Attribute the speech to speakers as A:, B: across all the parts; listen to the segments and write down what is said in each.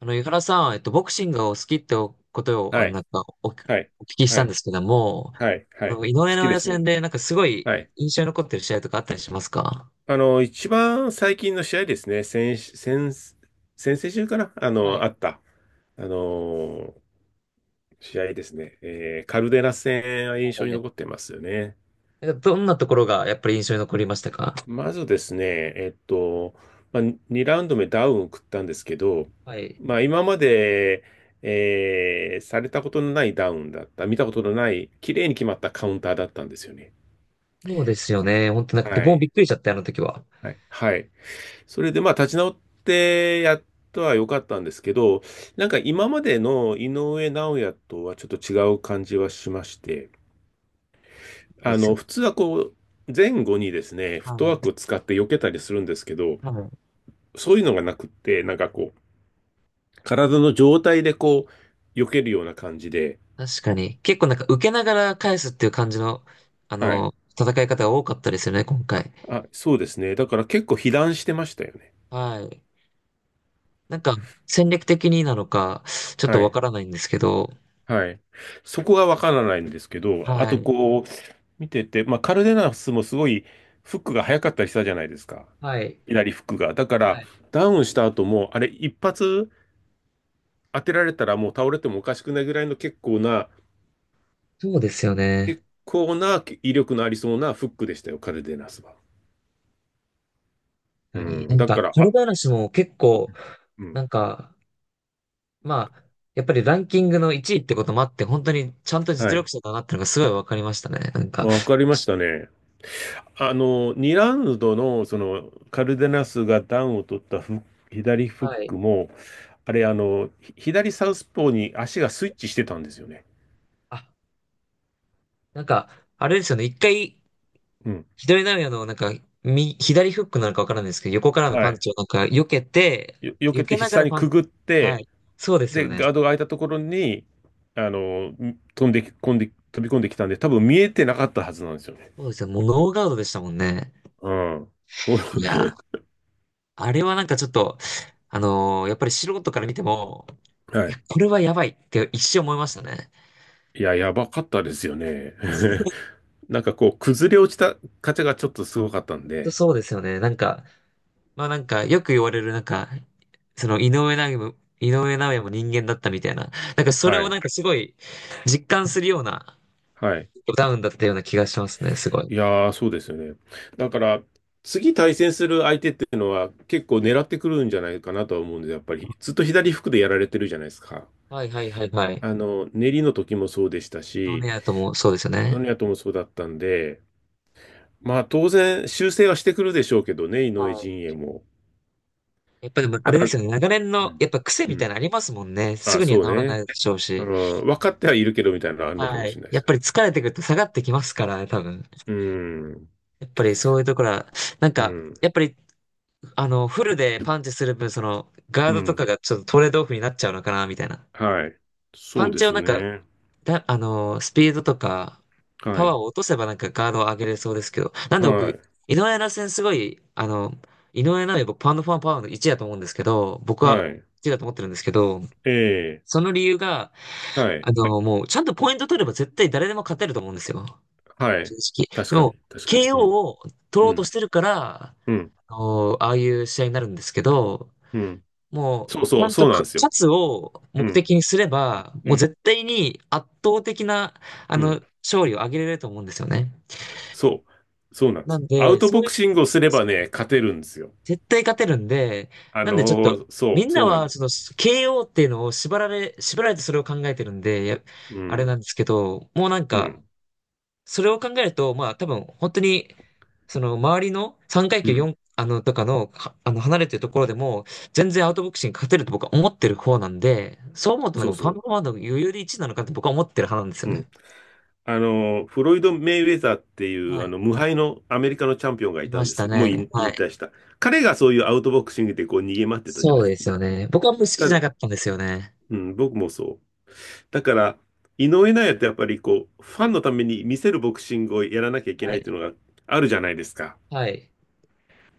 A: 井原さん、ボクシングがお好きってことを、
B: は
A: な
B: い、
A: んかお聞
B: はい、
A: きし
B: は
A: たんで
B: い、
A: すけども、
B: はい、はい。
A: 井上
B: 好き
A: 尚
B: で
A: 弥
B: す
A: 戦
B: ね。
A: で、なんかすごい
B: はい。
A: 印象に残ってる試合とかあったりしますか？
B: 一番最近の試合ですね。先々週かな、
A: は
B: あ
A: い。
B: った、あの、試合ですね。カルデラ戦は
A: は
B: 印象
A: い
B: に
A: はい。
B: 残ってますよね。
A: なんかどんなところがやっぱり印象に残りましたか？
B: まずですね、えっと、まあ、2ラウンド目ダウンを食ったんですけど、
A: はい。
B: まあ、今までされたことのないダウンだった、見たことのない、綺麗に決まったカウンターだったんですよね。
A: そうですよね。本当なんか僕
B: は
A: もびっ
B: い。
A: くりしちゃった、あの時は。
B: はい。はい。それでまあ立ち直ってやったは良かったんですけど、なんか今までの井上尚弥とはちょっと違う感じはしまして、
A: ですよ
B: 普
A: ね。
B: 通はこう、前後にですね、フットワークを
A: は
B: 使って避けたりするんですけど、
A: いはい。
B: そういうのがなくって、なんかこう、体の状態でこう、避けるような感じで。
A: 確かに。結構なんか受けながら返すっていう感じの、あ
B: はい。
A: の、戦い方が多かったですよね、今回。
B: あ、そうですね。だから結構被弾してましたよね。
A: はい。なんか、戦略的になのか、ちょっと
B: は
A: わ
B: い。
A: からないんですけど、
B: はい。そこがわからないんですけど、あ
A: は
B: と
A: い。
B: こう、見てて、まあ、カルデナスもすごいフックが早かったりしたじゃないですか。
A: はい。
B: 左フックが。だか
A: は
B: ら、
A: い。
B: ダウンした後も、あれ、一発当てられたらもう倒れてもおかしくないぐらいの結構な、
A: そうですよ
B: 結
A: ね。
B: 構な威力のありそうなフックでしたよ、カルデナスは。う
A: 何な
B: ん。
A: ん
B: だ
A: か、
B: から、
A: 彼
B: あ、
A: 話も結構、
B: うん。
A: なんか、まあ、やっぱりランキングの1位ってこともあって、本当にちゃんと
B: は
A: 実力
B: い。
A: 者だなってのがすごいわかりましたね。なんか、
B: わかりましたね。2ラウンドの、カルデナスがダウンを取ったフック左フッ
A: はい。
B: クも、あれ、左サウスポーに足がスイッチしてたんですよね。
A: あ、なんか、あれですよね。一回、
B: うん。
A: 左投げの、なんか、み左フックなのかわからないですけど、横からの
B: は
A: パン
B: い。
A: チをなんか、避けて、
B: 避
A: 避
B: けて
A: けなが
B: 下
A: ら
B: に
A: パン、
B: くぐっ
A: は
B: て、
A: い。そうですよ
B: で、
A: ね。
B: ガードが開いたところに、あの、飛び込んできたんで、多分見えてなかったはずなんですよね。
A: そうですよ。もうノーガードでしたもんね。
B: うん。お
A: いやー、 あれはなんかちょっと、やっぱり素人から見ても、い
B: は
A: や、
B: い。
A: これはやばいって一瞬思いましたね。
B: いや、やばかったですよね。なんかこう、崩れ落ちたカチャがちょっとすごかったんで。
A: そうですよね。なんか、まあなんか、よく言われるなんか、その井上尚弥も、井上尚弥も人間だったみたいな。なんかそれ
B: は
A: を
B: い。
A: なんかすごい実感するような
B: はい。
A: ダウンだったような気がしますね、すごい。
B: いやー、そうですよね。だから、次対戦する相手っていうのは結構狙ってくるんじゃないかなとは思うんで、やっぱり、ずっと左服でやられてるじゃないですか。
A: はいはいはいはい。
B: 練りの時もそうでした
A: ド
B: し、
A: ネアともそうですよ
B: ノ
A: ね。
B: ニアともそうだったんで、まあ当然修正はしてくるでしょうけどね、井上
A: は
B: 陣営も。
A: い。やっぱでもあ
B: た
A: れ
B: だ、
A: ですよね、
B: う
A: 長年の
B: ん。
A: やっぱ癖
B: う
A: みたいな
B: ん。
A: のありますもんね。す
B: あ、
A: ぐには
B: そう
A: 治らな
B: ね。
A: いでしょう
B: う
A: し。
B: ん。分かってはいるけどみたいなのがあるのか
A: は
B: もし
A: い。
B: れないで
A: やっ
B: すよ。
A: ぱり疲れてくると下がってきますからね、多分。
B: うん。
A: やっぱりそういうところは、なん
B: う
A: か、
B: ん。
A: やっぱり、フルでパンチする分、その、ガー
B: う
A: ドと
B: ん。
A: かがちょっとトレードオフになっちゃうのかな、みたいな。
B: はい。
A: パ
B: そう
A: ン
B: で
A: チを
B: す
A: なんか、
B: ね。
A: だ、あの、スピードとか、
B: は
A: パワー
B: い。
A: を落とせばなんかガードを上げれそうですけど、なんで僕、
B: は
A: 井
B: い。
A: 上奈戦すごい、井上尚弥僕、パウンドファンパワーの1だと思うんですけど、僕
B: は
A: は
B: い。
A: 1だと思ってるんですけど、
B: ええ。
A: その理由が、
B: はい。
A: もう、ちゃんとポイント取れば絶対誰でも勝てると思うんですよ。
B: は
A: 正
B: い。
A: 直。
B: 確
A: で
B: か
A: も、
B: に。確かに。う
A: KO
B: ん。
A: を取
B: う
A: ろうと
B: ん。
A: してるから、
B: うん。
A: あのああいう試合になるんですけど、
B: うん。
A: も
B: そう
A: う、ち
B: そ
A: ゃ
B: う。
A: ん
B: そ
A: と
B: うなん
A: か
B: ですよ。
A: 勝つを
B: う
A: 目
B: ん。
A: 的にすれば、
B: う
A: もう
B: ん。
A: 絶対に圧倒的な、
B: うん。
A: 勝利を挙げれると思うんですよね。
B: そう。そうなんで
A: な
B: すよ。
A: ん
B: アウ
A: で、
B: ト
A: そ
B: ボ
A: うい
B: ク
A: う、
B: シングをすれば
A: そう
B: ね、勝てるんですよ。
A: 絶対勝てるんで、
B: あ
A: なんでちょっ
B: の
A: と、
B: そ
A: み
B: う、
A: んな
B: そうなん
A: は、
B: で
A: そ
B: す。
A: の、KO っていうのを縛られてそれを考えてるんで、や
B: う
A: あれな
B: ん、
A: んですけど、もうなん
B: う
A: か、
B: ん、
A: それを考えると、まあ多分本当に、その周りの3階
B: う
A: 級
B: ん、
A: 4、とかの、はあの、離れてるところでも、全然アウトボクシング勝てると僕は思ってる方なんで、そう思うとなん
B: そ
A: か
B: う
A: もうパンパン
B: そ
A: パンの余裕で1なのかって僕は思ってる派なんです
B: う。
A: よ
B: うん。
A: ね。
B: フロイド・メイウェザーっていう、
A: はい。
B: 無敗のアメリカのチャンピオンがい
A: い
B: た
A: ま
B: ん
A: し
B: です
A: た
B: けど、もう
A: ね。
B: 引
A: はい。
B: 引退した。彼がそういうアウトボクシングでこう逃げ回ってたじゃない
A: そ
B: で
A: う
B: す
A: ですよね。僕はあんまり好きじ
B: か。た
A: ゃ
B: だ、
A: なかったんですよね。
B: うん、僕もそう。だから、井上尚弥ってやっぱりこう、ファンのために見せるボクシングをやらなきゃいけ
A: は
B: ないっ
A: い。
B: ていうのがあるじゃないですか。
A: はい。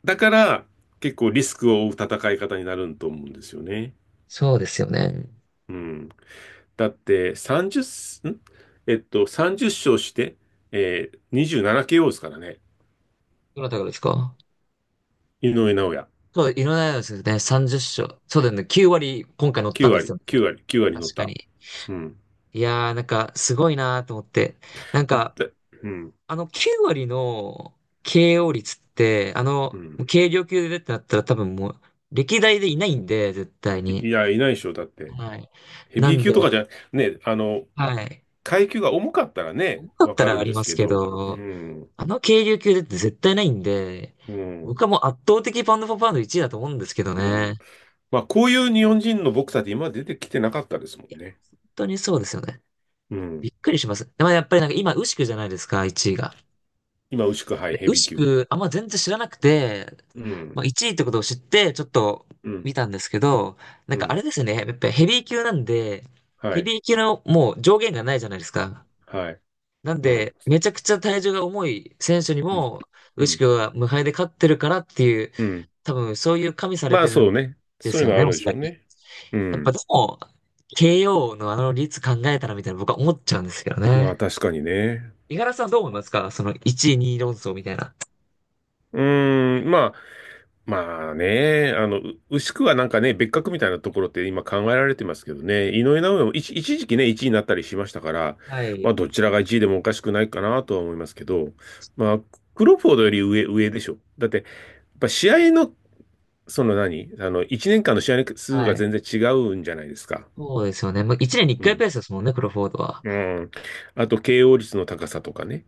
B: だから、結構リスクを負う戦い方になると思うんですよね。
A: そうですよね。
B: うん。だって30、んえっと、30勝して、27KO ですからね。
A: どなたがですか？
B: 井上尚弥。
A: そう、いろんなやつですね。30勝。そうだよね。9割今回乗った
B: 9
A: んです
B: 割、
A: よね。
B: 9割、9割乗っ
A: 確か
B: た。
A: に。
B: うん。
A: いやー、なんか、すごいなーと思って。なんか、
B: だうん。
A: 9割の KO 率って、
B: うん。
A: 軽量級でってなったら多分もう、歴代でいないんで、絶対
B: い
A: に。
B: いや、いないでしょ。だって。
A: はい。
B: ヘ
A: な
B: ビー
A: ん
B: 級
A: で、
B: とかじゃ、ね、
A: はい。
B: 階級が重かったらね、
A: 重かっ
B: わ
A: た
B: かる
A: らあ
B: ん
A: り
B: で
A: ま
B: す
A: す
B: け
A: け
B: ど。う
A: ど、
B: ん。
A: あの軽量級でって絶対ないんで、
B: う
A: 僕
B: ん。
A: はもう圧倒的パウンドフォーパウンド1位だと思うんですけど
B: うん。
A: ね。
B: まあ、こういう日本人のボクサーって今まで出てきてなかったですも
A: い
B: ん
A: や、
B: ね。
A: 本当にそうですよね。
B: う
A: び
B: ん。
A: っくりします。でもやっぱりなんか今、ウシクじゃないですか、1位が。
B: 今、牛久、はい、
A: で、
B: ヘ
A: ウ
B: ビー
A: シ
B: 級。
A: クあんま全然知らなくて、
B: う
A: ま
B: ん。
A: あ、1位ってことを知って、ちょっと
B: うん。
A: 見たんですけど、な
B: う
A: んかあ
B: ん。
A: れですね、やっぱりヘビー級なんで、
B: は
A: ヘ
B: い。
A: ビー級のもう上限がないじゃないですか。
B: はい。
A: なん
B: うん。
A: で、めちゃくちゃ体重が重い選手にも、
B: う
A: ウシ
B: ん。
A: クは無敗で勝ってるからっていう、
B: うん。
A: 多分そういう加味され
B: まあ
A: てる
B: そ
A: ん
B: うね。
A: で
B: そう
A: す
B: いう
A: よ
B: のあ
A: ね、お
B: るで
A: そ
B: しょ
A: ら
B: う
A: く。
B: ね。う
A: やっぱで
B: ん。
A: も、KO のあの率考えたらみたいな僕は思っちゃうんですけど
B: まあ
A: ね。
B: 確かにね。
A: 五十嵐さんどう思いますか、その1位2位論争みたいな。
B: うーん。まあ、まあね。牛久はなんかね、別格みたいなところって今考えられてますけどね。井上尚弥も一時期ね、1位になったりしましたから、
A: は
B: ま
A: い。
B: あどちらが1位でもおかしくないかなとは思いますけど、まあ、クロフォードより上、上でしょ。だって、やっぱ試合の、その何あの、1年間の試合の数
A: は
B: が
A: い。
B: 全然違うんじゃないですか。
A: そうですよね。まあ、一年に一
B: う
A: 回ペ
B: ん。
A: ースですもんね、クロフォードは。
B: うん。あと、KO 率の高さとかね。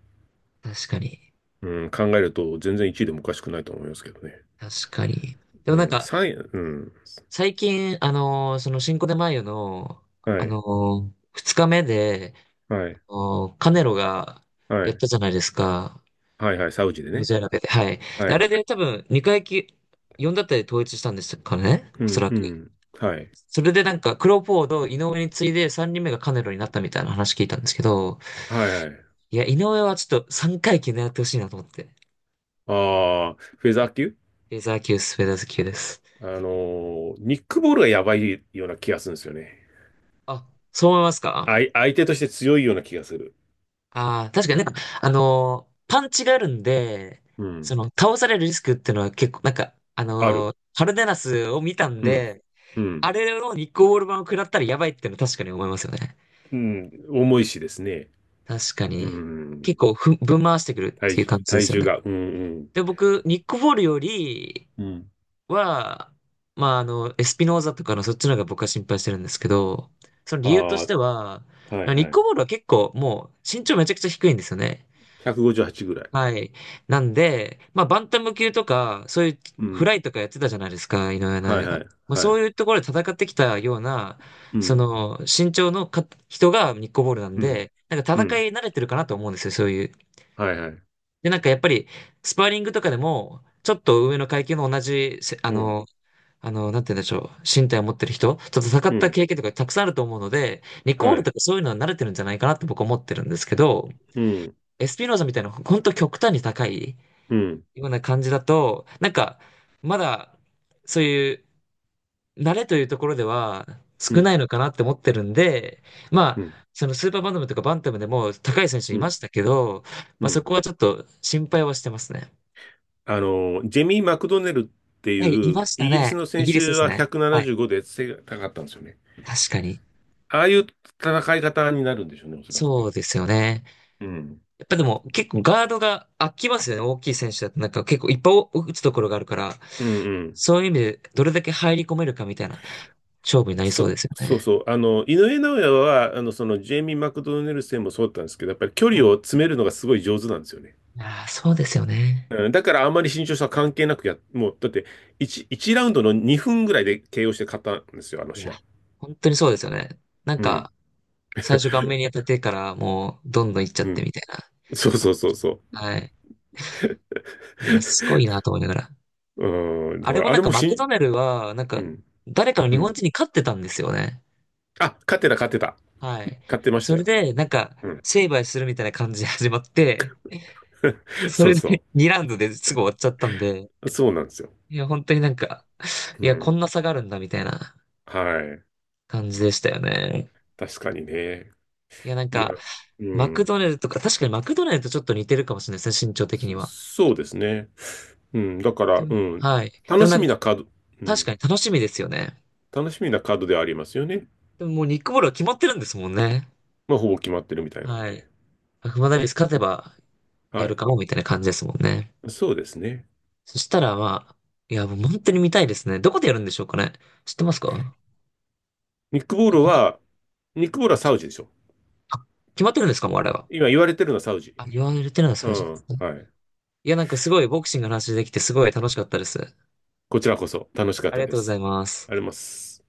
A: 確かに。
B: うん、考えると全然1位でもおかしくないと思いますけどね。
A: 確かに。で
B: う
A: もなん
B: ん、
A: か、
B: 3うん、
A: 最近、その新コでマイヨの、
B: はい、
A: 二日目で、
B: はい、
A: カネロが
B: は
A: やっ
B: い、
A: たじゃないですか。
B: はい、はい、サウジで
A: モ
B: ね。
A: ジェラベで。はい。
B: は
A: で、あ
B: い、
A: れで多分、二回き、4だったり統一したんですかね。
B: う
A: おそ
B: ん、
A: ら
B: う
A: く。
B: ん、はい、
A: それでなんか、クロフォード、井上に次いで三人目がカネロになったみたいな話聞いたんですけど、
B: はい、はい。
A: いや、井上はちょっと三回級狙ってほしいなと思って。
B: ああ、フェザー級
A: レーザー級、スペーダーズ級です。
B: あのニックボールがやばいような気がするんですよね。
A: あ、そう思いますか？
B: 相手として強いような気がする。
A: ああー、確かになんか、パンチがあるんで、
B: う
A: そ
B: ん、
A: の、倒されるリスクっていうのは結構、なんか、
B: ある。
A: カルデナスを見たん
B: うん、
A: で、
B: う
A: あ
B: ん、
A: れのニッコール版を食らったらやばいっていうのは確かに思いますよね。
B: うん、重いしですね。
A: 確か
B: う
A: に。
B: ん、
A: 結構ぶん回してくるっていう感じで
B: 体
A: すよ
B: 重
A: ね。
B: が、うん、
A: で、僕、ニックボールより
B: うん、うん。
A: は、まあ、エスピノーザとかのそっちの方が僕は心配してるんですけど、その理由とし
B: あ
A: ては、
B: あ、はい、
A: ニッ
B: は
A: ク
B: い。
A: ボールは結構もう身長めちゃくちゃ低いんですよね。
B: 158ぐらい。
A: はい。なんで、まあ、バンタム級とか、そういう
B: う
A: フ
B: ん、
A: ライとかやってたじゃないですか、井上尚
B: はい、
A: 弥が。
B: はい、
A: まあ、
B: は
A: そ
B: い。
A: ういうところで戦ってきたような、
B: う
A: そ
B: ん、
A: の、身長のか人がニッコボールなん
B: うん、
A: で、なんか
B: う
A: 戦
B: ん、
A: い慣れてるかなと思うんですよ、そういう。
B: はいはい。
A: で、なんかやっぱり、スパーリングとかでも、ちょっと上の階級の同じせ、あ
B: うん、
A: の、あの、なんて言うんでしょう、身体を持ってる人と戦っ
B: う
A: た
B: ん、
A: 経験とかたくさんあると思うので、ニッコボー
B: は
A: ル
B: い。
A: とかそういうのは慣れてるんじゃないかなって僕は思ってるんですけど、
B: うん、
A: エスピノーザみたいな、本当極端に高い
B: うん、
A: ような感じだと、なんか、まだ、そういう、慣れというところでは
B: う
A: 少
B: ん、
A: ないのかなって思ってるんで、まあ、
B: うん、
A: そのスーパーバンタムとかバンタムでも高い選手
B: う
A: いま
B: ん、
A: したけど、
B: う
A: まあそ
B: ん。
A: こはちょっと心配はしてますね。
B: ジェミー・マクドネルって
A: はい、い
B: い
A: ま
B: う、
A: した
B: イギリ
A: ね。
B: スの
A: イ
B: 先
A: ギリスで
B: 週
A: す
B: は
A: ね。はい。
B: 175で背が高かったんですよね。
A: 確かに。
B: ああいう戦い方になるんでしょうね、おそらく
A: そ
B: ね。
A: うですよね。
B: うん、
A: やっぱでも結構ガードが空きますよね。大きい選手だとなんか結構いっぱい打つところがあるから、
B: うん、うん。
A: そういう意味でどれだけ入り込めるかみたいな勝負になりそうですよ
B: そう
A: ね。
B: そう。井上尚弥は、ジェイミー・マクドネル戦もそうだったんですけど、やっぱり距離を詰めるのがすごい上手なんですよね。
A: いやー、そうですよね。
B: うん、だからあんまり身長差関係なくもう、だって1ラウンドの2分ぐらいで KO して勝ったんですよ、あの
A: いや、
B: 試合。
A: 本当にそうですよね。なん
B: うん、
A: か、最初顔面に当たってからもう、どんどん行っちゃっ
B: う
A: て
B: ん。
A: みたい
B: そうそうそうそ
A: な。
B: う。
A: はい。いや、す ごいなと思いながら。
B: うん、だ
A: あ
B: か
A: れ
B: ら
A: も
B: あ
A: なん
B: れ
A: か
B: も
A: マ
B: し
A: ク
B: ん、
A: ドナルドは、なん
B: う
A: か、
B: ん、
A: 誰かの
B: う
A: 日本
B: ん。
A: 人に勝ってたんですよね。
B: あ、勝ってた、勝ってた。
A: はい。
B: 勝ってまし
A: そ
B: た
A: れ
B: よ。
A: で、なんか、
B: うん。
A: 成敗するみたいな感じで始まって、そ
B: そ
A: れ
B: う
A: で
B: そ
A: 2ラウンドですぐ終わっちゃったんで、
B: う。そうなんですよ。
A: いや、本当になんか、い
B: う
A: や、こん
B: ん。
A: な差があるんだみたいな
B: はい。
A: 感じでしたよね。
B: 確かにね。
A: いや、なん
B: いや、
A: か、
B: う
A: マク
B: ん。
A: ドネルとか、確かにマクドネルとちょっと似てるかもしれないですね、身長的には。
B: そうですね。うん。だか
A: で
B: ら、
A: も
B: うん。
A: はい。で
B: 楽
A: もな
B: し
A: ん
B: み
A: か、
B: なカード、う
A: 確
B: ん。
A: かに楽しみですよね。
B: 楽しみなカードではありますよね。
A: でももうニックボールは決まってるんですもんね。
B: まあ、ほぼ決まってるみたいなん
A: はい。
B: で。
A: アマダビス勝てばや
B: は
A: る
B: い。
A: かもみたいな感じですもんね。
B: そうですね。
A: そしたらまあ、いや、もう本当に見たいですね。どこでやるんでしょうかね。知ってますか？
B: ニックボール
A: 決まっ、
B: は、ニックボールはサウジでしょ。
A: あ、決まってるんですかもうあれは。
B: 今言われてるのはサウジ。
A: あ、言われてるのはそ
B: う
A: れじゃない
B: ん。
A: ですね。
B: はい。
A: いや、なんかすごいボクシングの話できてすごい楽しかったです。
B: こちらこそ楽しかっ
A: あり
B: た
A: が
B: で
A: とうござ
B: す。
A: います。
B: あります。